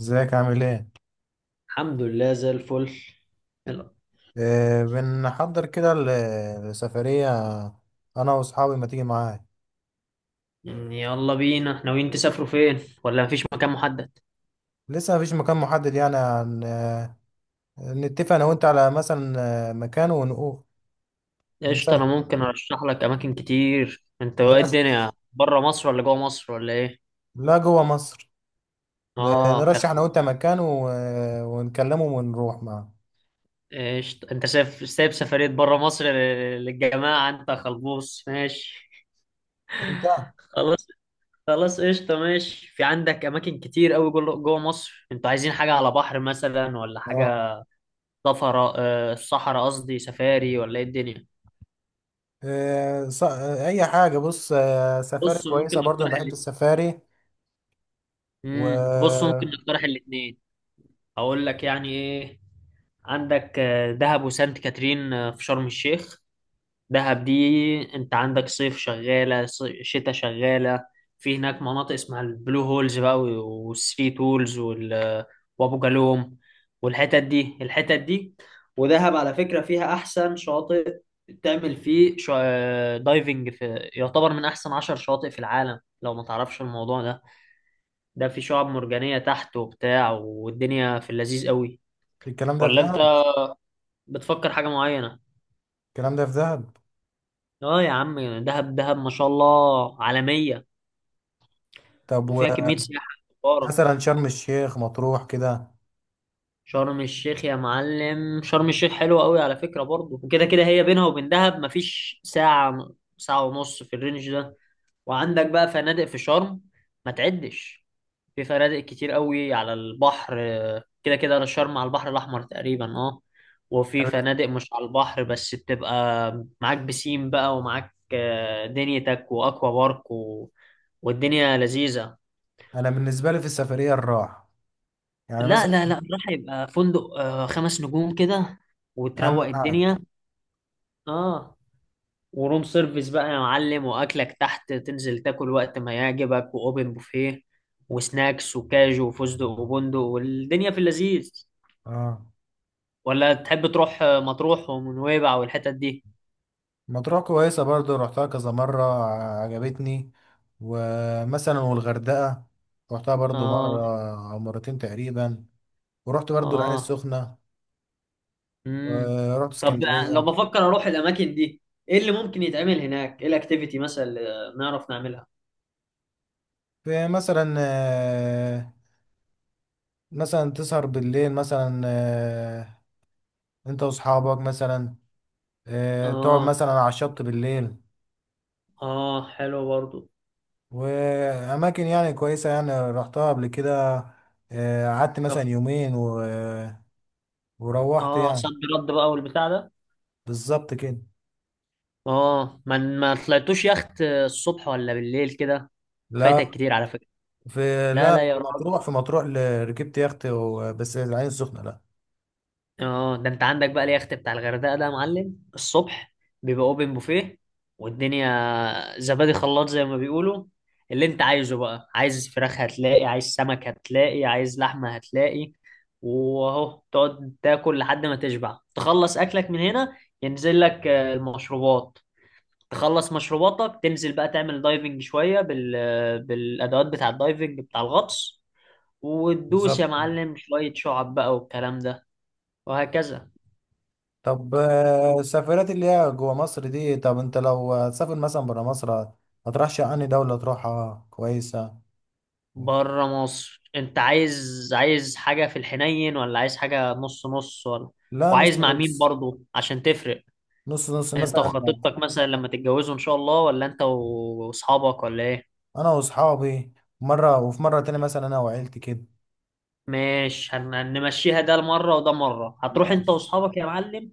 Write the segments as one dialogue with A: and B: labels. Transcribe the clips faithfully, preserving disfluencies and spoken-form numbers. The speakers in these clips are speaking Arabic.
A: ازيك عامل ايه؟
B: الحمد لله زي الفل. يلا.
A: آه بنحضر كده ل- لسفرية انا واصحابي ما تيجي معايا.
B: يلا بينا، ناويين تسافروا فين، ولا مفيش مكان محدد؟
A: لسه مفيش مكان محدد، يعني عن آه نتفق انا وانت على مثلا آه، مكان ونقول
B: قشطة، انا
A: ونسافر.
B: ممكن ارشح لك اماكن كتير. انت ايه
A: نرشح-
B: الدنيا؟ بره مصر ولا جوه مصر ولا ايه؟
A: لا، جوه مصر. ن-
B: اه يا
A: نرشح انا
B: خ-
A: وانت مكان و- آه، ونكلمه ونروح معاه.
B: قشطة، انت سايب سايب سفرية بره مصر لل- للجماعة؟ انت خلبوص، ماشي.
A: انت.
B: خلاص. خلاص قشطة ماشي. في عندك اماكن كتير قوي جوه جوه مصر. انتوا عايزين حاجة على بحر مثلا، ولا
A: اه
B: حاجة صفراء آه، صحراء قصدي، سفاري، ولا ايه الدنيا؟
A: آه، ص- آه، اي حاجة، بص، آه سفاري
B: بص ممكن
A: كويسة برضه، انا
B: نقترح
A: بحب السفاري
B: امم بص ممكن
A: والكلام
B: نقترح الاثنين. اقول لك يعني ايه. عندك آه، دهب وسانت كاترين آه، في شرم الشيخ. دهب دي، انت عندك صيف شغاله، صي- شتاء شغاله. في هناك مناطق اسمها البلو هولز بقى، و- والثري تولز، وال- وابو جالوم، والحتت دي الحتت دي. ودهب على فكره فيها احسن شاطئ. تعمل فيه شا... دايفنج، في يعتبر من احسن عشر شواطئ في العالم لو ما تعرفش الموضوع ده. ده في شعاب مرجانية تحت وبتاع، والدنيا في اللذيذ قوي.
A: ده. في
B: ولا انت
A: دهب؟
B: بتفكر حاجة معينة؟
A: الكلام ده في دهب.
B: اه يا عم. دهب دهب ما شاء الله عالمية.
A: طب
B: وفيها كمية سياحة كبارة.
A: مثلا شرم الشيخ، مطروح كده.
B: شرم الشيخ يا معلم، شرم الشيخ حلوة قوي على فكرة برضه. وكده كده هي بينها وبين دهب مفيش ساعة ساعة ونص في الرينج ده. وعندك بقى فنادق في شرم ما تعدش. في فنادق كتير قوي على البحر. آه، كده كده انا شرم على البحر الاحمر تقريبا، اه. وفي فنادق مش على البحر بس بتبقى معاك بسين بقى، ومعاك آه، دنيتك، واكوا بارك و... والدنيا لذيذة.
A: انا بالنسبه لي في السفريه الراحه، يعني
B: لا
A: مثلا
B: لا لا، راح يبقى فندق آه، خمس نجوم كده،
A: اهم
B: وتروق
A: حاجه.
B: الدنيا. اه، وروم سيرفيس بقى يا معلم، واكلك تحت تنزل تاكل وقت ما يعجبك، واوبن بوفيه وسناكس وكاجو وفستق وبندق، والدنيا في اللذيذ.
A: اه،
B: ولا تحب تروح مطروح ونويبع والحتت دي؟
A: مطروح كويسه برضو، رحتها كذا مره، عجبتني. ومثلا والغردقه رحتها برضو مره
B: اه.
A: او مرتين تقريبا. ورحت برضو العين
B: اه.
A: السخنه،
B: امم
A: ورحت
B: طب لو
A: اسكندريه.
B: بفكر اروح الاماكن دي، ايه اللي ممكن يتعمل هناك؟ ايه الاكتيفيتي مثلا اللي نعرف نعملها؟
A: في مثلا آه، مثلا تسهر بالليل مثلا، آه، انت واصحابك مثلا، آه، تقعد
B: اه.
A: مثلا على الشط بالليل.
B: اه حلو برضو.
A: وأماكن يعني كويسة، يعني رحتها قبل كده، آه، قعدت مثلا
B: كف.
A: يومين و... وروحت
B: اه
A: يعني.
B: صد، رد بقى والبتاع ده.
A: بالظبط كده.
B: اه، ما ما طلعتوش يخت الصبح ولا بالليل كده؟
A: لا
B: فايتك كتير على فكرة.
A: في
B: لا
A: لا
B: لا يا
A: في
B: راجل.
A: مطروح في مطروح ل- ركبت يخت و... بس العين السخنة لا.
B: اه، ده انت عندك بقى اليخت بتاع الغردقة ده يا معلم. الصبح بيبقى اوبن بوفيه، والدنيا زبادي خلاط زي ما بيقولوا. اللي انت عايزه بقى، عايز فراخ هتلاقي، عايز سمك هتلاقي، عايز لحمة هتلاقي. واهو تقعد تاكل لحد ما تشبع، تخلص اكلك من هنا، ينزل لك آه، المشروبات. تخلص مشروباتك، تنزل بقى تعمل دايفنج شوية بال... بالأدوات بتاع الدايفنج، بتاع الغطس. وتدوس
A: بالظبط.
B: يا معلم شوية شعب بقى والكلام ده، وهكذا.
A: طب آه، السفرات اللي هي جوا مصر دي، طب انت لو هتسافر مثلا برا مصر، ما ترشح عني دولة تروحها كويسة.
B: بره مصر، انت عايز عايز حاجة في الحنين، ولا عايز حاجة نص نص، ولا؟
A: لا،
B: وعايز
A: نص
B: مع مين
A: نص.
B: برضو عشان تفرق؟
A: نص نص
B: انت
A: مثلا،
B: وخطيبتك مثلا لما تتجوزوا ان شاء الله، ولا انت و- واصحابك، ولا ايه؟
A: انا واصحابي مرة، وفي مرة تانية مثلا انا وعيلتي كده.
B: ماشي، هن- هنمشيها، ده مرة وده مرة. هتروح انت
A: ماشي.
B: واصحابك يا معلم،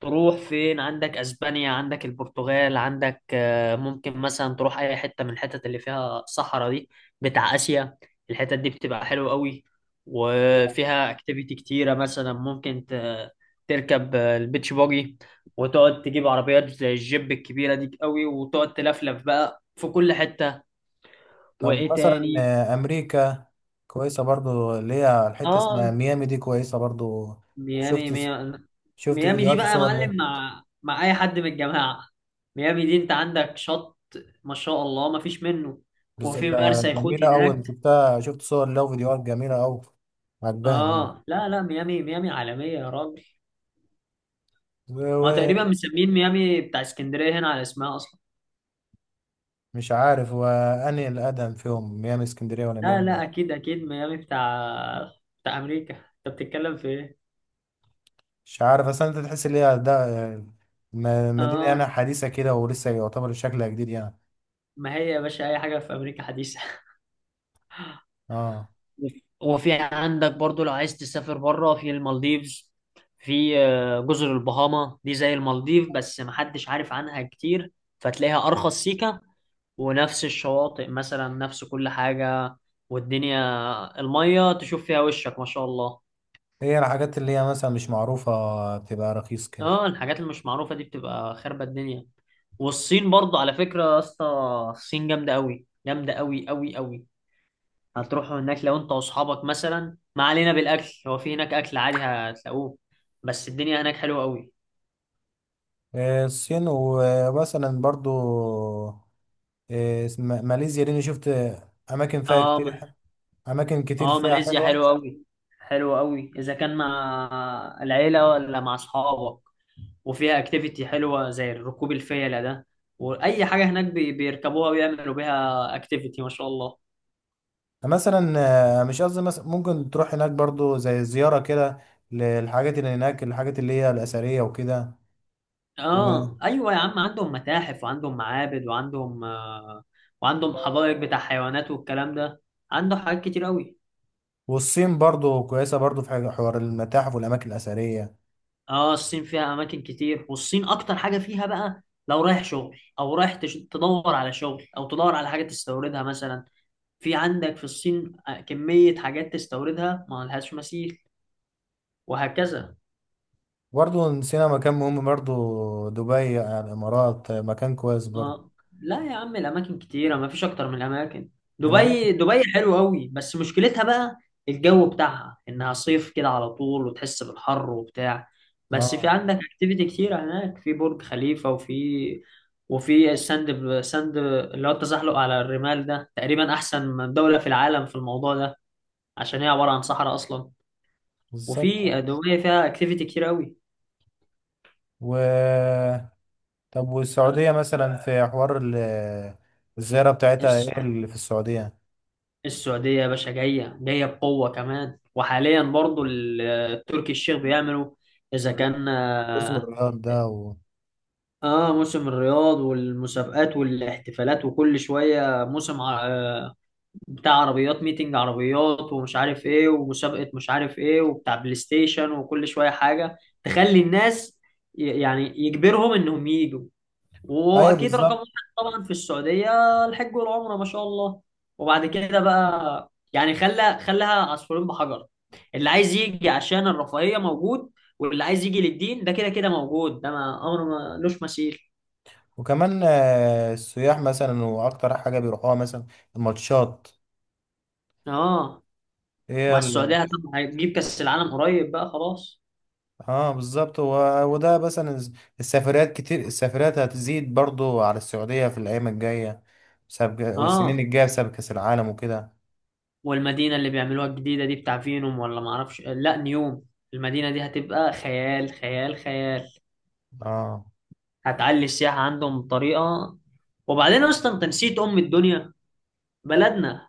B: تروح فين؟ عندك اسبانيا، عندك البرتغال، عندك آه، ممكن مثلا تروح اي حته من الحتت اللي فيها الصحراء دي بتاع اسيا. الحتت دي بتبقى حلوه قوي، وفيها اكتيفيتي كتيره. مثلا ممكن ت- تركب آه، البيتش باجي، وتقعد تجيب عربيات زي الجيب الكبيره دي قوي، وتقعد تلفلف بقى في كل حته.
A: طب
B: وايه
A: مثلا
B: تاني؟
A: آه، امريكا كويسه برضو، اللي هي الحته
B: اه.
A: اسمها ميامي دي كويسه برضو.
B: ميامي
A: شفت،
B: ميامي.
A: شفت
B: ميامي دي
A: فيديوهات
B: بقى يا
A: وصور
B: معلم،
A: ليه.
B: مع مع اي حد من الجماعه، ميامي دي انت عندك شط ما شاء الله، ما فيش منه.
A: بالظبط،
B: وفي
A: ده
B: مرسى يخوت
A: جميله أوي،
B: هناك.
A: شفتها، شفت صور لها وفيديوهات جميله أوي، عجباني يعني.
B: اه لا لا، ميامي ميامي عالميه يا راجل. ما
A: و-
B: تقريبا مسمين ميامي بتاع اسكندريه هنا على اسمها اصلا.
A: ومش عارف وأنهي الأقدم فيهم، ميامي اسكندرية ولا
B: لا
A: ميامي؟
B: لا، اكيد اكيد ميامي بتاع بتاع امريكا. انت بتتكلم في ايه؟
A: مش عارف أصلا، أنت تحس إن هي ده آه، م- مدينة يعني
B: اه،
A: حديثة كده، ولسه يعتبر شكلها جديد يعني.
B: ما هي يا باشا اي حاجه في امريكا حديثه.
A: اه.
B: وفي عندك برضو لو عايز تسافر بره، في المالديفز، في آه، جزر البهاما دي زي المالديف بس محدش عارف عنها كتير، فتلاقيها أرخص سيكة، ونفس الشواطئ مثلا، نفس كل حاجة. والدنيا المية تشوف فيها وشك ما شاء الله.
A: هي الحاجات اللي هي مثلا مش معروفة بتبقى رخيص كده.
B: اه، الحاجات اللي مش معروفة دي بتبقى خربة الدنيا. والصين برضو على فكرة يا اسطى، الصين جامدة أوي، جامدة أوي أوي أوي. هتروحوا هناك لو انت واصحابك مثلا، ما علينا. بالاكل هو في هناك اكل عادي هتلاقوه، بس الدنيا هناك حلوه قوي.
A: آه، الصين، ومثلا برضو آه، م- ماليزيا دي، أنا شفت أماكن فيها
B: اه
A: كتير
B: ما-
A: ح- أماكن كتير
B: اه
A: فيها
B: ماليزيا
A: حلوة.
B: حلوه قوي، حلوه قوي اذا كان مع العيله ولا مع اصحابك. وفيها اكتيفيتي حلوه زي ركوب الفيله ده. واي حاجه هناك بي- بيركبوها ويعملوا بيها اكتيفيتي ما شاء الله.
A: مثلا آه، مش قصدي، مثلا ممكن تروح هناك برضو زي زيارة كده للحاجات اللي هناك، الحاجات اللي هي الأثرية وكده. و-
B: اه ايوه يا عم، عندهم متاحف، وعندهم معابد، وعندهم آه وعندهم حدائق بتاع حيوانات والكلام ده. عنده حاجات كتير قوي.
A: والصين برضو كويسة برضو، في حاجة- حوار المتاحف والأماكن الأثرية.
B: اه، الصين فيها اماكن كتير، والصين اكتر حاجه فيها بقى لو رايح شغل، او رايح تش- تدور على شغل، او تدور على حاجه تستوردها مثلا. في عندك في الصين آه، كميه حاجات تستوردها ما لهاش مثيل، وهكذا.
A: برضو نسينا مكان مهم برضو، دبي يعني الإمارات، آه، مكان كويس برضو.
B: اه، لا يا عم، الاماكن كتيره ما فيش اكتر من الاماكن.
A: الأماكن.
B: دبي، دبي حلوه قوي، بس مشكلتها بقى الجو بتاعها انها صيف كده على طول، وتحس بالحر وبتاع. بس في
A: اه
B: عندك اكتيفيتي كتيره هناك، في برج خليفه وفي، وفي الساند ساند اللي هو التزحلق على الرمال ده، تقريبا احسن من دوله في العالم في الموضوع ده، عشان هي عباره عن صحراء اصلا.
A: بالظبط
B: وفي دبي فيها اكتيفيتي كتير
A: و. طب والسعودية مثلا، في حوار ال- الزيارة بتاعتها، ايه
B: قوي.
A: اللي في السعودية؟
B: السعودية يا باشا جاية جاية بقوة كمان. وحاليا برضو ال- التركي الشيخ بيعملوا، إذا كان
A: موسم
B: آه،
A: الرياض ده و...
B: آه، موسم الرياض والمسابقات والاحتفالات، وكل شوية موسم ع- آه بتاع عربيات، ميتنج عربيات، ومش عارف إيه، ومسابقة مش عارف إيه، وبتاع بلاي ستيشن، وكل شوية حاجة تخلي الناس، ي- يعني يجبرهم إنهم يجوا.
A: ايوه
B: واكيد رقم
A: بالظبط.
B: واحد طبعا في السعوديه الحج والعمره ما شاء الله. وبعد كده بقى يعني خلى خلاها عصفورين بحجر. اللي عايز يجي عشان الرفاهيه موجود، واللي عايز يجي للدين ده كده كده موجود. ده ما امر ملوش مثيل.
A: وكمان آه، السياح مثلا، واكتر حاجة بيروحوها مثلا الماتشات،
B: اه، مع
A: هي ال...
B: السعوديه طبعا هتجيب كاس العالم قريب بقى خلاص.
A: اه بالظبط و... وده مثلا الز- السفريات كتير، السفريات هتزيد برضو على السعودية في الأيام الجاية بسبب، والسنين
B: اه،
A: الجاية بسبب كأس العالم وكده.
B: والمدينه اللي بيعملوها الجديده دي بتاع فينوم، ولا ما اعرفش، لا نيوم. المدينه دي هتبقى خيال خيال خيال.
A: اه
B: هتعلي السياحة عندهم بطريقة. وبعدين اصلا انت نسيت ام الدنيا، بلدنا.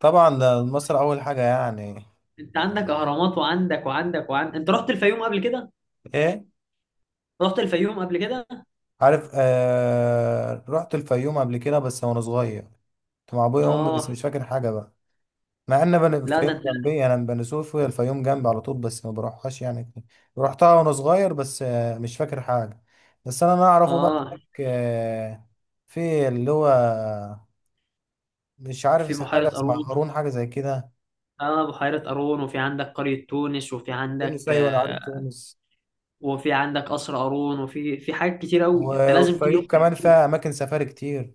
A: طبعا، ده مصر أول حاجة يعني.
B: انت عندك اهرامات، وعندك وعندك وعندك. انت رحت الفيوم قبل كده؟
A: ايه؟
B: رحت الفيوم قبل كده؟
A: عارف، آه رحت الفيوم قبل كده بس وانا صغير، كنت مع ابويا وامي، بس
B: اه،
A: مش فاكر حاجه بقى. مع ان بن...
B: لا
A: الفيوم
B: ده انت.
A: جنبي، انا من بني سويف، الفيوم جنبي على طول، بس ما بروحهاش يعني. رحتها وانا صغير بس، آه مش فاكر حاجه. بس انا اعرفه بقى
B: اه،
A: هناك آه، في اللي هو، مش عارف
B: في
A: إذا
B: بحيرة
A: حاجه اسمها
B: قارون.
A: هارون، حاجه زي كده.
B: اه، بحيرة قارون، وفي عندك قرية تونس، وفي عندك
A: تونس، ايوه انا عارف
B: آه،
A: تونس.
B: وفي عندك قصر قارون، وفي في حاجات كتير قوي، انت
A: و-
B: لازم
A: والفيوم
B: تيجي.
A: كمان فيها اماكن سفاري كتير. ان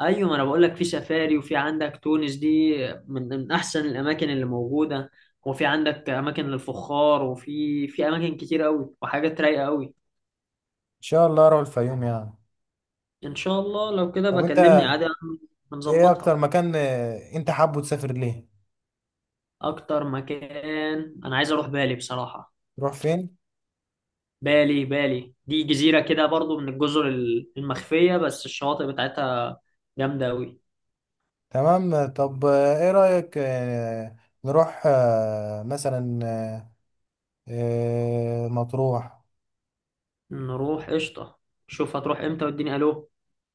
B: ايوه، ما انا بقول لك في سفاري. وفي عندك تونس دي من من احسن الاماكن اللي موجوده. وفي عندك اماكن للفخار، وفي في اماكن كتير قوي، وحاجات رايقه قوي.
A: شاء الله اروح الفيوم يعني.
B: ان شاء الله لو كده
A: طب انت
B: بكلمني عادي،
A: ايه اكتر
B: هنظبطها.
A: مكان آه، انت حابه تسافر ليه؟
B: اكتر مكان انا عايز اروح بالي بصراحه.
A: نروح فين؟
B: بالي، بالي دي جزيره كده برضو، من الجزر ال- المخفيه، بس الشواطئ بتاعتها جامده قوي.
A: تمام. طب آه، ايه رأيك آه، نروح آه، مثلا آه، مطروح؟
B: نروح قشطه. شوف هتروح امتى واديني الو.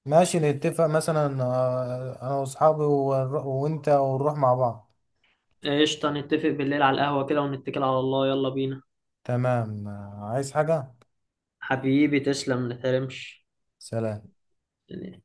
A: ماشي نتفق مثلا آه، انا واصحابي ونر- وانت، ونروح مع بعض.
B: قشطه، نتفق بالليل على القهوه كده، ونتكل على الله، يلا بينا.
A: تمام آه، عايز حاجة؟
B: حبيبي تسلم، ما تحرمش
A: سلام.
B: يعني.